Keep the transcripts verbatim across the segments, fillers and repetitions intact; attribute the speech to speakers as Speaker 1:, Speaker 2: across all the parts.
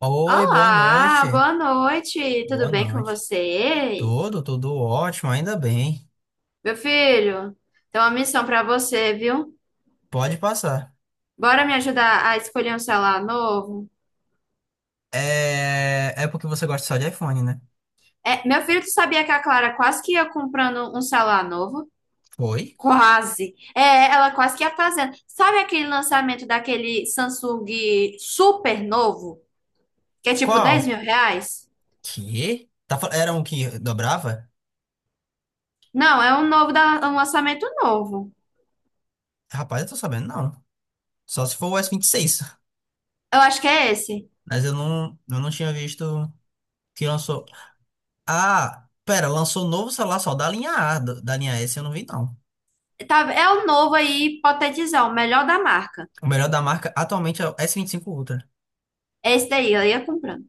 Speaker 1: Oi, boa
Speaker 2: Olá,
Speaker 1: noite.
Speaker 2: boa noite.
Speaker 1: Boa
Speaker 2: Tudo bem com
Speaker 1: noite.
Speaker 2: você? Ei,
Speaker 1: Tudo, tudo ótimo, ainda bem.
Speaker 2: meu filho, tem uma missão pra você, viu?
Speaker 1: Pode passar.
Speaker 2: Bora me ajudar a escolher um celular novo?
Speaker 1: É, é porque você gosta só de iPhone, né?
Speaker 2: É, meu filho, tu sabia que a Clara quase que ia comprando um celular novo?
Speaker 1: Foi?
Speaker 2: Quase. É, ela quase que ia fazendo. Sabe aquele lançamento daquele Samsung super novo? Que é tipo dez
Speaker 1: Qual?
Speaker 2: mil reais?
Speaker 1: Que? Tá... fal- Era um que dobrava?
Speaker 2: Não, é um novo da, um lançamento novo.
Speaker 1: Rapaz, eu tô sabendo, não. Só se for o s vinte e seis.
Speaker 2: Eu acho que é esse.
Speaker 1: Mas eu não, eu não tinha visto que lançou. Ah, pera, lançou novo celular só da linha A, do- da linha S eu não vi, não.
Speaker 2: Tá, é o novo aí, hipotetizar, o melhor da marca.
Speaker 1: O melhor da marca atualmente é o s vinte e cinco Ultra.
Speaker 2: Esse daí, ela ia comprando.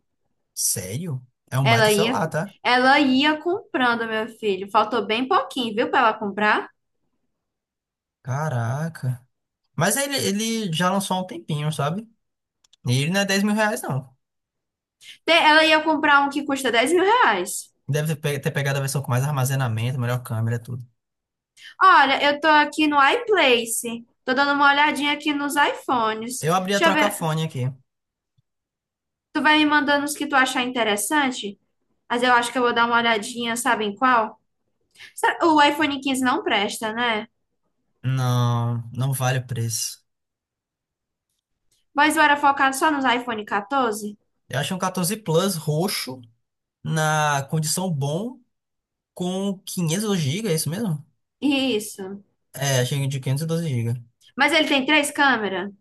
Speaker 1: Sério? É um baita
Speaker 2: Ela ia,
Speaker 1: celular, tá?
Speaker 2: ela ia comprando, meu filho. Faltou bem pouquinho, viu, pra ela comprar.
Speaker 1: Caraca. Mas ele, ele já lançou há um tempinho, sabe? E ele não é dez mil reais, não.
Speaker 2: Te- Ela ia comprar um que custa dez mil reais.
Speaker 1: Deve pe- ter pegado a versão com mais armazenamento, melhor câmera, tudo.
Speaker 2: Olha, eu tô aqui no iPlace. Tô dando uma olhadinha aqui nos iPhones.
Speaker 1: Eu abri a
Speaker 2: Deixa eu ver.
Speaker 1: trocafone aqui.
Speaker 2: Tu vai me mandando os que tu achar interessante? Mas eu acho que eu vou dar uma olhadinha, sabe em qual? Será- O iPhone quinze não presta, né?
Speaker 1: Não, não vale o preço.
Speaker 2: Mas eu era focado só nos iPhone catorze?
Speaker 1: Eu achei um quatorze Plus roxo, na condição bom, com quinhentos e doze gigabytes, é isso mesmo?
Speaker 2: Isso.
Speaker 1: É, achei de quinhentos e doze gigas.
Speaker 2: Mas ele tem três câmeras?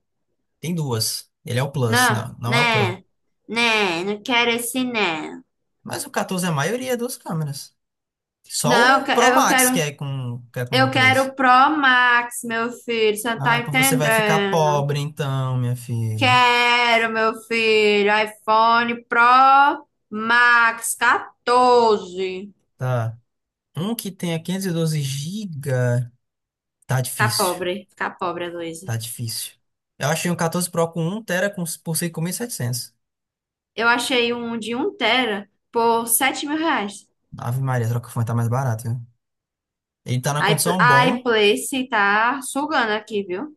Speaker 1: Tem duas. Ele é o Plus,
Speaker 2: Não,
Speaker 1: não, não é o Pro.
Speaker 2: né? Né? Não quero esse né.
Speaker 1: Mas o quatorze é a maioria das câmeras. Só
Speaker 2: Não, eu
Speaker 1: o
Speaker 2: que-
Speaker 1: Pro
Speaker 2: eu
Speaker 1: Max que
Speaker 2: quero,
Speaker 1: é com, que é com
Speaker 2: eu quero
Speaker 1: três.
Speaker 2: o Pro Max, meu filho. Você não
Speaker 1: Ah,
Speaker 2: tá
Speaker 1: então você vai ficar
Speaker 2: entendendo?
Speaker 1: pobre então, minha filha.
Speaker 2: Quero, meu filho. iPhone Pro Max catorze.
Speaker 1: Tá. Um que tenha quinhentos e doze gigas. Tá
Speaker 2: Ficar
Speaker 1: difícil.
Speaker 2: pobre, ficar pobre, Luísa.
Speaker 1: Tá difícil. Eu achei um quatorze Pro com um tera com, por cinco mil e setecentos.
Speaker 2: Eu achei um de um tera por sete mil reais.
Speaker 1: Ave Maria, a Trocafone tá mais barato, viu? Ele tá na
Speaker 2: A iP-
Speaker 1: condição
Speaker 2: a
Speaker 1: bom.
Speaker 2: iPlace tá sugando aqui, viu?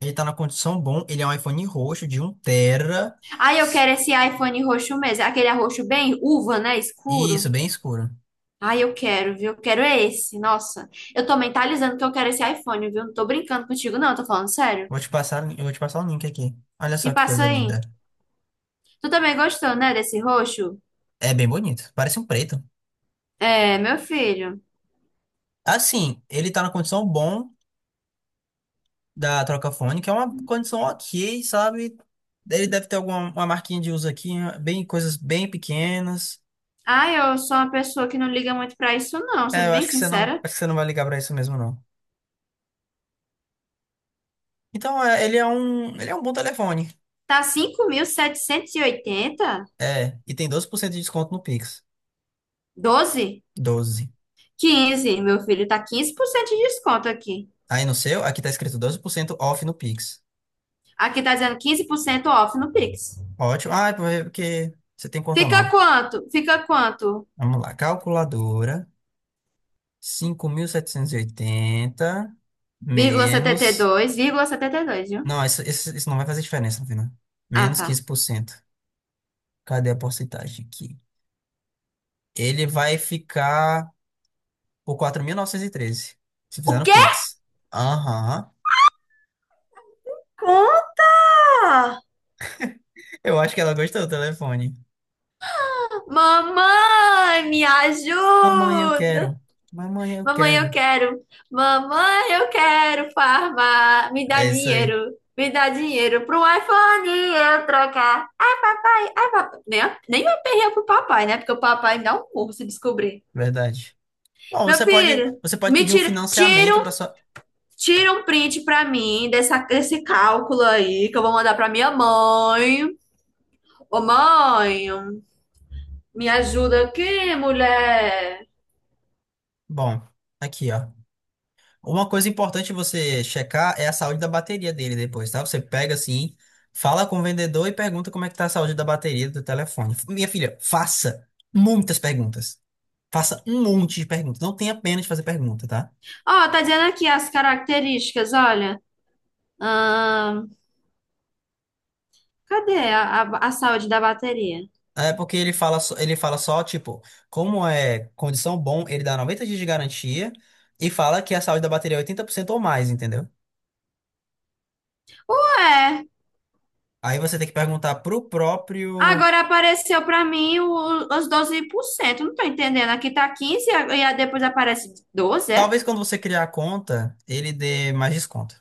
Speaker 1: Ele tá na condição bom. Ele é um iPhone roxo de um 1 TB.
Speaker 2: Aí eu quero esse iPhone roxo mesmo. Aquele roxo bem uva, né?
Speaker 1: Isso,
Speaker 2: Escuro.
Speaker 1: bem escuro.
Speaker 2: Ai, eu quero, viu? Eu quero é esse. Nossa, eu tô mentalizando que eu quero esse iPhone, viu? Não tô brincando contigo, não, tô falando sério.
Speaker 1: Vou te passar, eu vou te passar o link aqui. Olha só
Speaker 2: Me
Speaker 1: que
Speaker 2: passa
Speaker 1: coisa linda.
Speaker 2: aí. Tu também gostou, né, desse roxo?
Speaker 1: É bem bonito. Parece um preto.
Speaker 2: É, meu filho.
Speaker 1: Assim, ele tá na condição bom da Trocafone, que é uma condição ok, sabe? Ele deve ter alguma uma marquinha de uso aqui, né? Bem, coisas bem pequenas.
Speaker 2: Ai, eu sou uma pessoa que não liga muito pra isso, não,
Speaker 1: É,
Speaker 2: sendo
Speaker 1: eu
Speaker 2: bem
Speaker 1: acho que você não,
Speaker 2: sincera.
Speaker 1: acho que você não vai ligar pra isso mesmo, não. Então, é, ele é um, ele é um bom telefone.
Speaker 2: Tá cinco mil setecentos e oitenta.
Speaker 1: É, e tem doze por cento de desconto no Pix.
Speaker 2: Doze.
Speaker 1: Doze.
Speaker 2: Quinze, meu filho, tá quinze por cento de desconto aqui.
Speaker 1: Aí no seu, aqui tá escrito doze por cento off no Pix.
Speaker 2: Aqui tá dizendo quinze por cento off no Pix.
Speaker 1: Ótimo. Ah, é porque você tem conta
Speaker 2: Fica
Speaker 1: nova.
Speaker 2: quanto? Fica quanto?
Speaker 1: Vamos lá, calculadora. Cinco mil setecentos e oitenta,
Speaker 2: Vírgula setenta e
Speaker 1: menos.
Speaker 2: dois. Vírgula setenta e dois, viu?
Speaker 1: Não, isso, isso, isso não vai fazer diferença no final.
Speaker 2: Ah,
Speaker 1: Menos
Speaker 2: tá.
Speaker 1: quinze por cento. Cadê a porcentagem aqui? Ele vai ficar por quatro mil novecentos e treze. Se fizer
Speaker 2: O
Speaker 1: no
Speaker 2: quê?
Speaker 1: Pix. Aham.
Speaker 2: Conta!
Speaker 1: Eu acho que ela gostou do telefone.
Speaker 2: Mamãe, me
Speaker 1: Mamãe, eu
Speaker 2: ajuda!
Speaker 1: quero. Mamãe, eu
Speaker 2: Mamãe, eu
Speaker 1: quero.
Speaker 2: quero! Mamãe, eu quero farmar! Me dá
Speaker 1: É isso aí.
Speaker 2: dinheiro! Me dá dinheiro pro iPhone eu trocar! Ai, papai! Ai, papai! Nem, nem me perder pro papai, né? Porque o papai me dá um murro se descobrir.
Speaker 1: Verdade. Bom,
Speaker 2: Meu
Speaker 1: você pode,
Speaker 2: filho,
Speaker 1: você pode
Speaker 2: me
Speaker 1: pedir um
Speaker 2: tira, tira
Speaker 1: financiamento
Speaker 2: um,
Speaker 1: para sua.
Speaker 2: tira um print pra mim dessa, desse cálculo aí que eu vou mandar pra minha mãe. Ô, mãe! Me ajuda aqui, mulher.
Speaker 1: Bom, aqui, ó. Uma coisa importante você checar é a saúde da bateria dele depois, tá? Você pega assim, fala com o vendedor e pergunta como é que tá a saúde da bateria do telefone. Minha filha, faça muitas perguntas. Faça um monte de perguntas. Não tenha pena de fazer pergunta, tá?
Speaker 2: Ó, tá dizendo aqui as características, olha. Ahn, cadê a, a, a saúde da bateria?
Speaker 1: É porque ele fala, só- ele fala só, tipo, como é condição bom, ele dá noventa dias de garantia e fala que a saúde da bateria é oitenta por cento ou mais, entendeu?
Speaker 2: Ué,
Speaker 1: Aí você tem que perguntar pro próprio.
Speaker 2: agora apareceu pra mim o- os doze por cento. Não tô entendendo. Aqui tá quinze e a- e a- depois aparece doze. É?
Speaker 1: Talvez quando você criar a conta, ele dê mais desconto.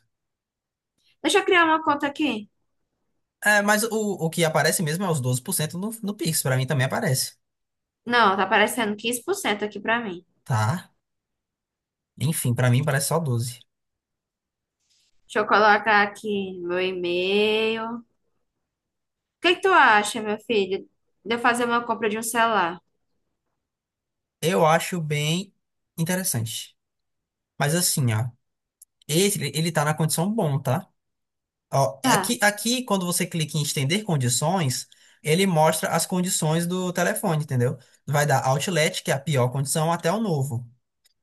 Speaker 2: Deixa eu criar uma conta aqui.
Speaker 1: É, mas o, o que aparece mesmo é os doze por cento no, no Pix. Pra mim também aparece.
Speaker 2: Não, tá aparecendo quinze por cento aqui pra mim.
Speaker 1: Tá? Enfim, pra mim parece só doze.
Speaker 2: Deixa eu colocar aqui meu e-mail. O que que tu acha, meu filho, de eu fazer uma compra de um celular?
Speaker 1: Eu acho bem interessante. Mas assim, ó. Esse, ele ele tá na condição bom, tá? Ó,
Speaker 2: Tá.
Speaker 1: aqui, aqui, quando você clica em estender condições, ele mostra as condições do telefone, entendeu? Vai dar Outlet, que é a pior condição, até o novo.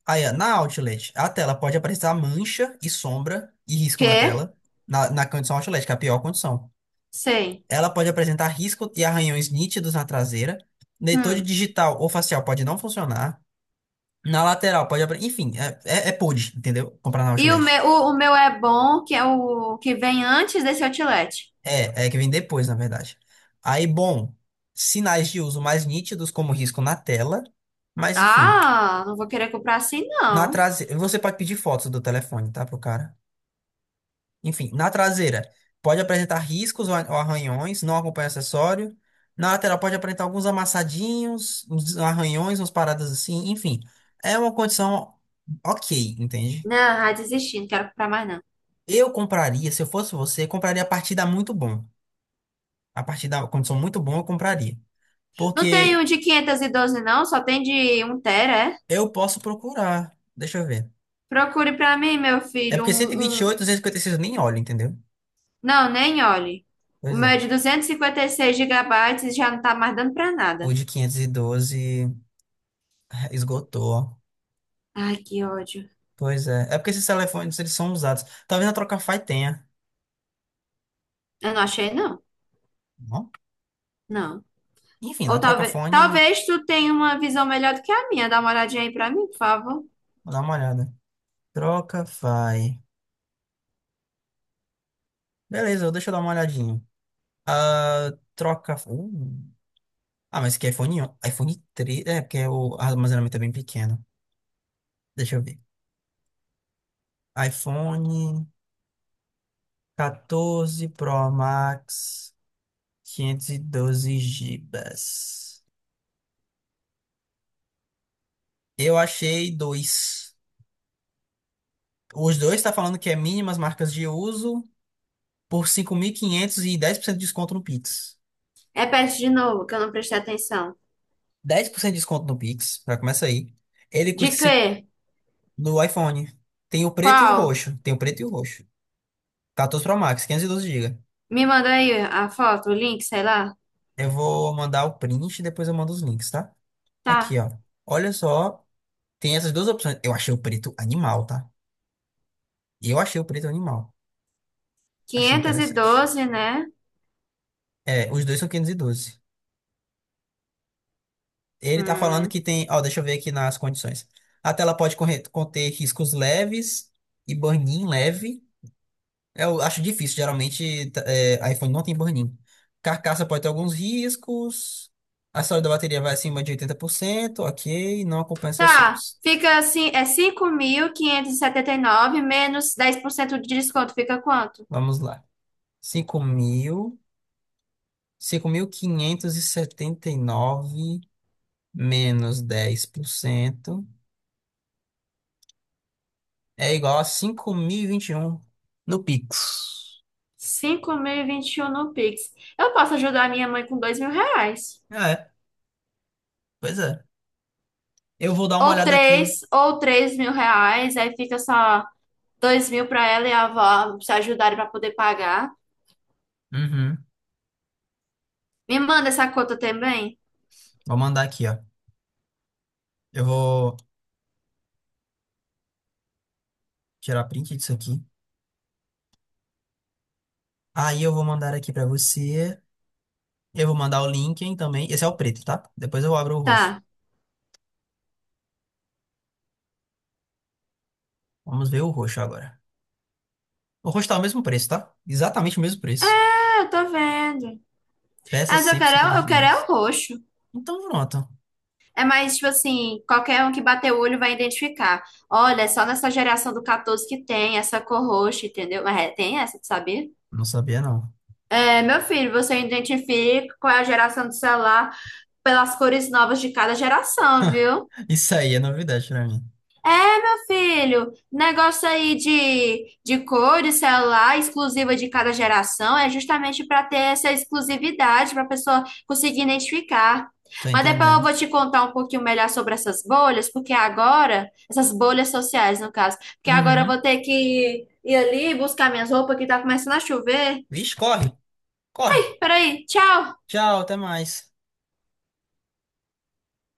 Speaker 1: Aí, ó, na Outlet, a tela pode aparecer mancha e sombra e risco na
Speaker 2: Quê?
Speaker 1: tela, na, na condição Outlet, que é a pior condição.
Speaker 2: Sei.
Speaker 1: Ela pode apresentar risco e arranhões nítidos na traseira. Leitor de
Speaker 2: Hum.
Speaker 1: digital ou facial pode não funcionar. Na lateral pode... apre- Enfim, é, é, é pude, entendeu? Comprar na
Speaker 2: E o
Speaker 1: Outlet.
Speaker 2: meu, o, o meu é bom, que é o que vem antes desse outlet.
Speaker 1: É, é que vem depois, na verdade. Aí, bom, sinais de uso mais nítidos, como risco na tela. Mas, enfim,
Speaker 2: Ah, não vou querer comprar assim,
Speaker 1: na
Speaker 2: não.
Speaker 1: traseira... Você pode pedir fotos do telefone, tá, pro cara? Enfim, na traseira pode apresentar riscos ou a- ou arranhões, não acompanha acessório. Na lateral pode apresentar alguns amassadinhos, uns arranhões, umas paradas assim, enfim. É uma condição ok, entende?
Speaker 2: Não, ah, desisti, não quero comprar mais, não.
Speaker 1: Eu compraria, se eu fosse você, compraria a partir da muito bom. A partir da condição muito bom, eu compraria.
Speaker 2: Não tem um
Speaker 1: Porque
Speaker 2: de quinhentos e doze, não, só tem de um tera, é?
Speaker 1: eu posso procurar. Deixa eu ver.
Speaker 2: Procure pra mim, meu
Speaker 1: É
Speaker 2: filho,
Speaker 1: porque
Speaker 2: um, um-
Speaker 1: cento e vinte e oito, duzentos e cinquenta e seis eu nem olho, entendeu?
Speaker 2: Não, nem olhe. O
Speaker 1: Pois
Speaker 2: meu é
Speaker 1: é.
Speaker 2: de duzentos e cinquenta e seis gigabytes e já não tá mais dando pra
Speaker 1: O
Speaker 2: nada.
Speaker 1: de quinhentos e doze esgotou.
Speaker 2: Ai, que ódio.
Speaker 1: Pois é. É porque esses telefones, eles são usados. Talvez na Trocafy tenha.
Speaker 2: Eu não achei, não.
Speaker 1: Não?
Speaker 2: Não.
Speaker 1: Enfim,
Speaker 2: Ou
Speaker 1: na
Speaker 2: talvez...
Speaker 1: Trocafone,
Speaker 2: Talvez tu tenha uma visão melhor do que a minha. Dá uma olhadinha aí pra mim, por favor.
Speaker 1: vou dar uma olhada. Trocafy. Beleza, deixa eu dar uma olhadinha. Ah, troca... Uh. Ah, mas que iPhone... on- iPhone três. É, porque o armazenamento é bem pequeno. Deixa eu ver. iPhone quatorze Pro Max quinhentos e doze gigabytes. Eu achei dois. Os dois tá falando que é mínimas marcas de uso por cinco mil e quinhentos e dez por cento de desconto no Pix.
Speaker 2: Repete de novo, que eu não prestei atenção.
Speaker 1: dez por cento de desconto no Pix, já começa aí. Ele
Speaker 2: De
Speaker 1: custa cinco
Speaker 2: quê?
Speaker 1: no iPhone. Tem o preto e o
Speaker 2: Qual?
Speaker 1: roxo. Tem o preto e o roxo. quatorze Pro Max, quinhentos e doze G B.
Speaker 2: Me manda aí a foto, o link, sei lá.
Speaker 1: Eu vou mandar o print e depois eu mando os links, tá? Aqui,
Speaker 2: Tá.
Speaker 1: ó. Olha só, tem essas duas opções. Eu achei o preto animal, tá? Eu achei o preto animal. Achei
Speaker 2: Quinhentos e
Speaker 1: interessante.
Speaker 2: doze, né?
Speaker 1: É, os dois são quinhentos e doze. Ele tá falando
Speaker 2: Hum.
Speaker 1: que tem, ó, deixa eu ver aqui nas condições. A tela pode corre- conter riscos leves e burn-in leve. Eu acho difícil, geralmente tá- é, iPhone não tem burn-in. Carcaça pode ter alguns riscos. A saúde da bateria vai acima de oitenta por cento ok. Não acompanha
Speaker 2: Tá.
Speaker 1: acessórios.
Speaker 2: Fica assim, é cinco mil quinhentos e e setenta e nove menos dez por cento de desconto. Fica quanto?
Speaker 1: Vamos lá. cinco cinco mil cinco mil quinhentos e setenta e nove menos dez por cento é igual a cinco mil e vinte e um no Pix.
Speaker 2: Cinco mil e e vinte e um no Pix. Eu posso ajudar minha mãe com dois mil reais.
Speaker 1: Ah, É, pois é. Eu vou dar uma
Speaker 2: Ou
Speaker 1: olhada aqui,
Speaker 2: três,
Speaker 1: hein?
Speaker 2: ou três mil reais. Aí fica só dois mil pra ela e a avó se ajudarem pra poder pagar.
Speaker 1: Uhum.
Speaker 2: Me manda essa conta também.
Speaker 1: Vou mandar aqui, ó. Eu vou tirar print disso aqui. Aí eu vou mandar aqui pra você. Eu vou mandar o Linken também. Esse é o preto, tá? Depois eu abro o roxo.
Speaker 2: Tá.
Speaker 1: Vamos ver o roxo agora. O roxo tá o mesmo preço, tá? Exatamente o mesmo preço.
Speaker 2: É, eu tô vendo. Ah,
Speaker 1: Peças
Speaker 2: mas eu quero,
Speaker 1: cem por cento
Speaker 2: é- eu quero é o
Speaker 1: originais.
Speaker 2: roxo.
Speaker 1: Então pronto.
Speaker 2: É mais, tipo assim, qualquer um que bater o olho vai identificar. Olha, é só nessa geração do catorze que tem essa cor roxa, entendeu? Mas é, tem essa, tu sabia?
Speaker 1: Não sabia, não.
Speaker 2: É, meu filho, você identifica qual é a geração do celular pelas cores novas de cada geração, viu?
Speaker 1: Isso aí é novidade pra mim.
Speaker 2: Filho, negócio aí de, de cores, celular, exclusiva de cada geração, é justamente para ter essa exclusividade, para a pessoa conseguir identificar.
Speaker 1: Tô
Speaker 2: Mas depois eu
Speaker 1: entendendo.
Speaker 2: vou te contar um pouquinho melhor sobre essas bolhas, porque agora, essas bolhas sociais, no caso, porque agora eu
Speaker 1: Uhum.
Speaker 2: vou ter que ir ali buscar minhas roupas que tá começando a chover.
Speaker 1: Vixe, corre. Corre.
Speaker 2: Peraí, tchau!
Speaker 1: Tchau, até mais.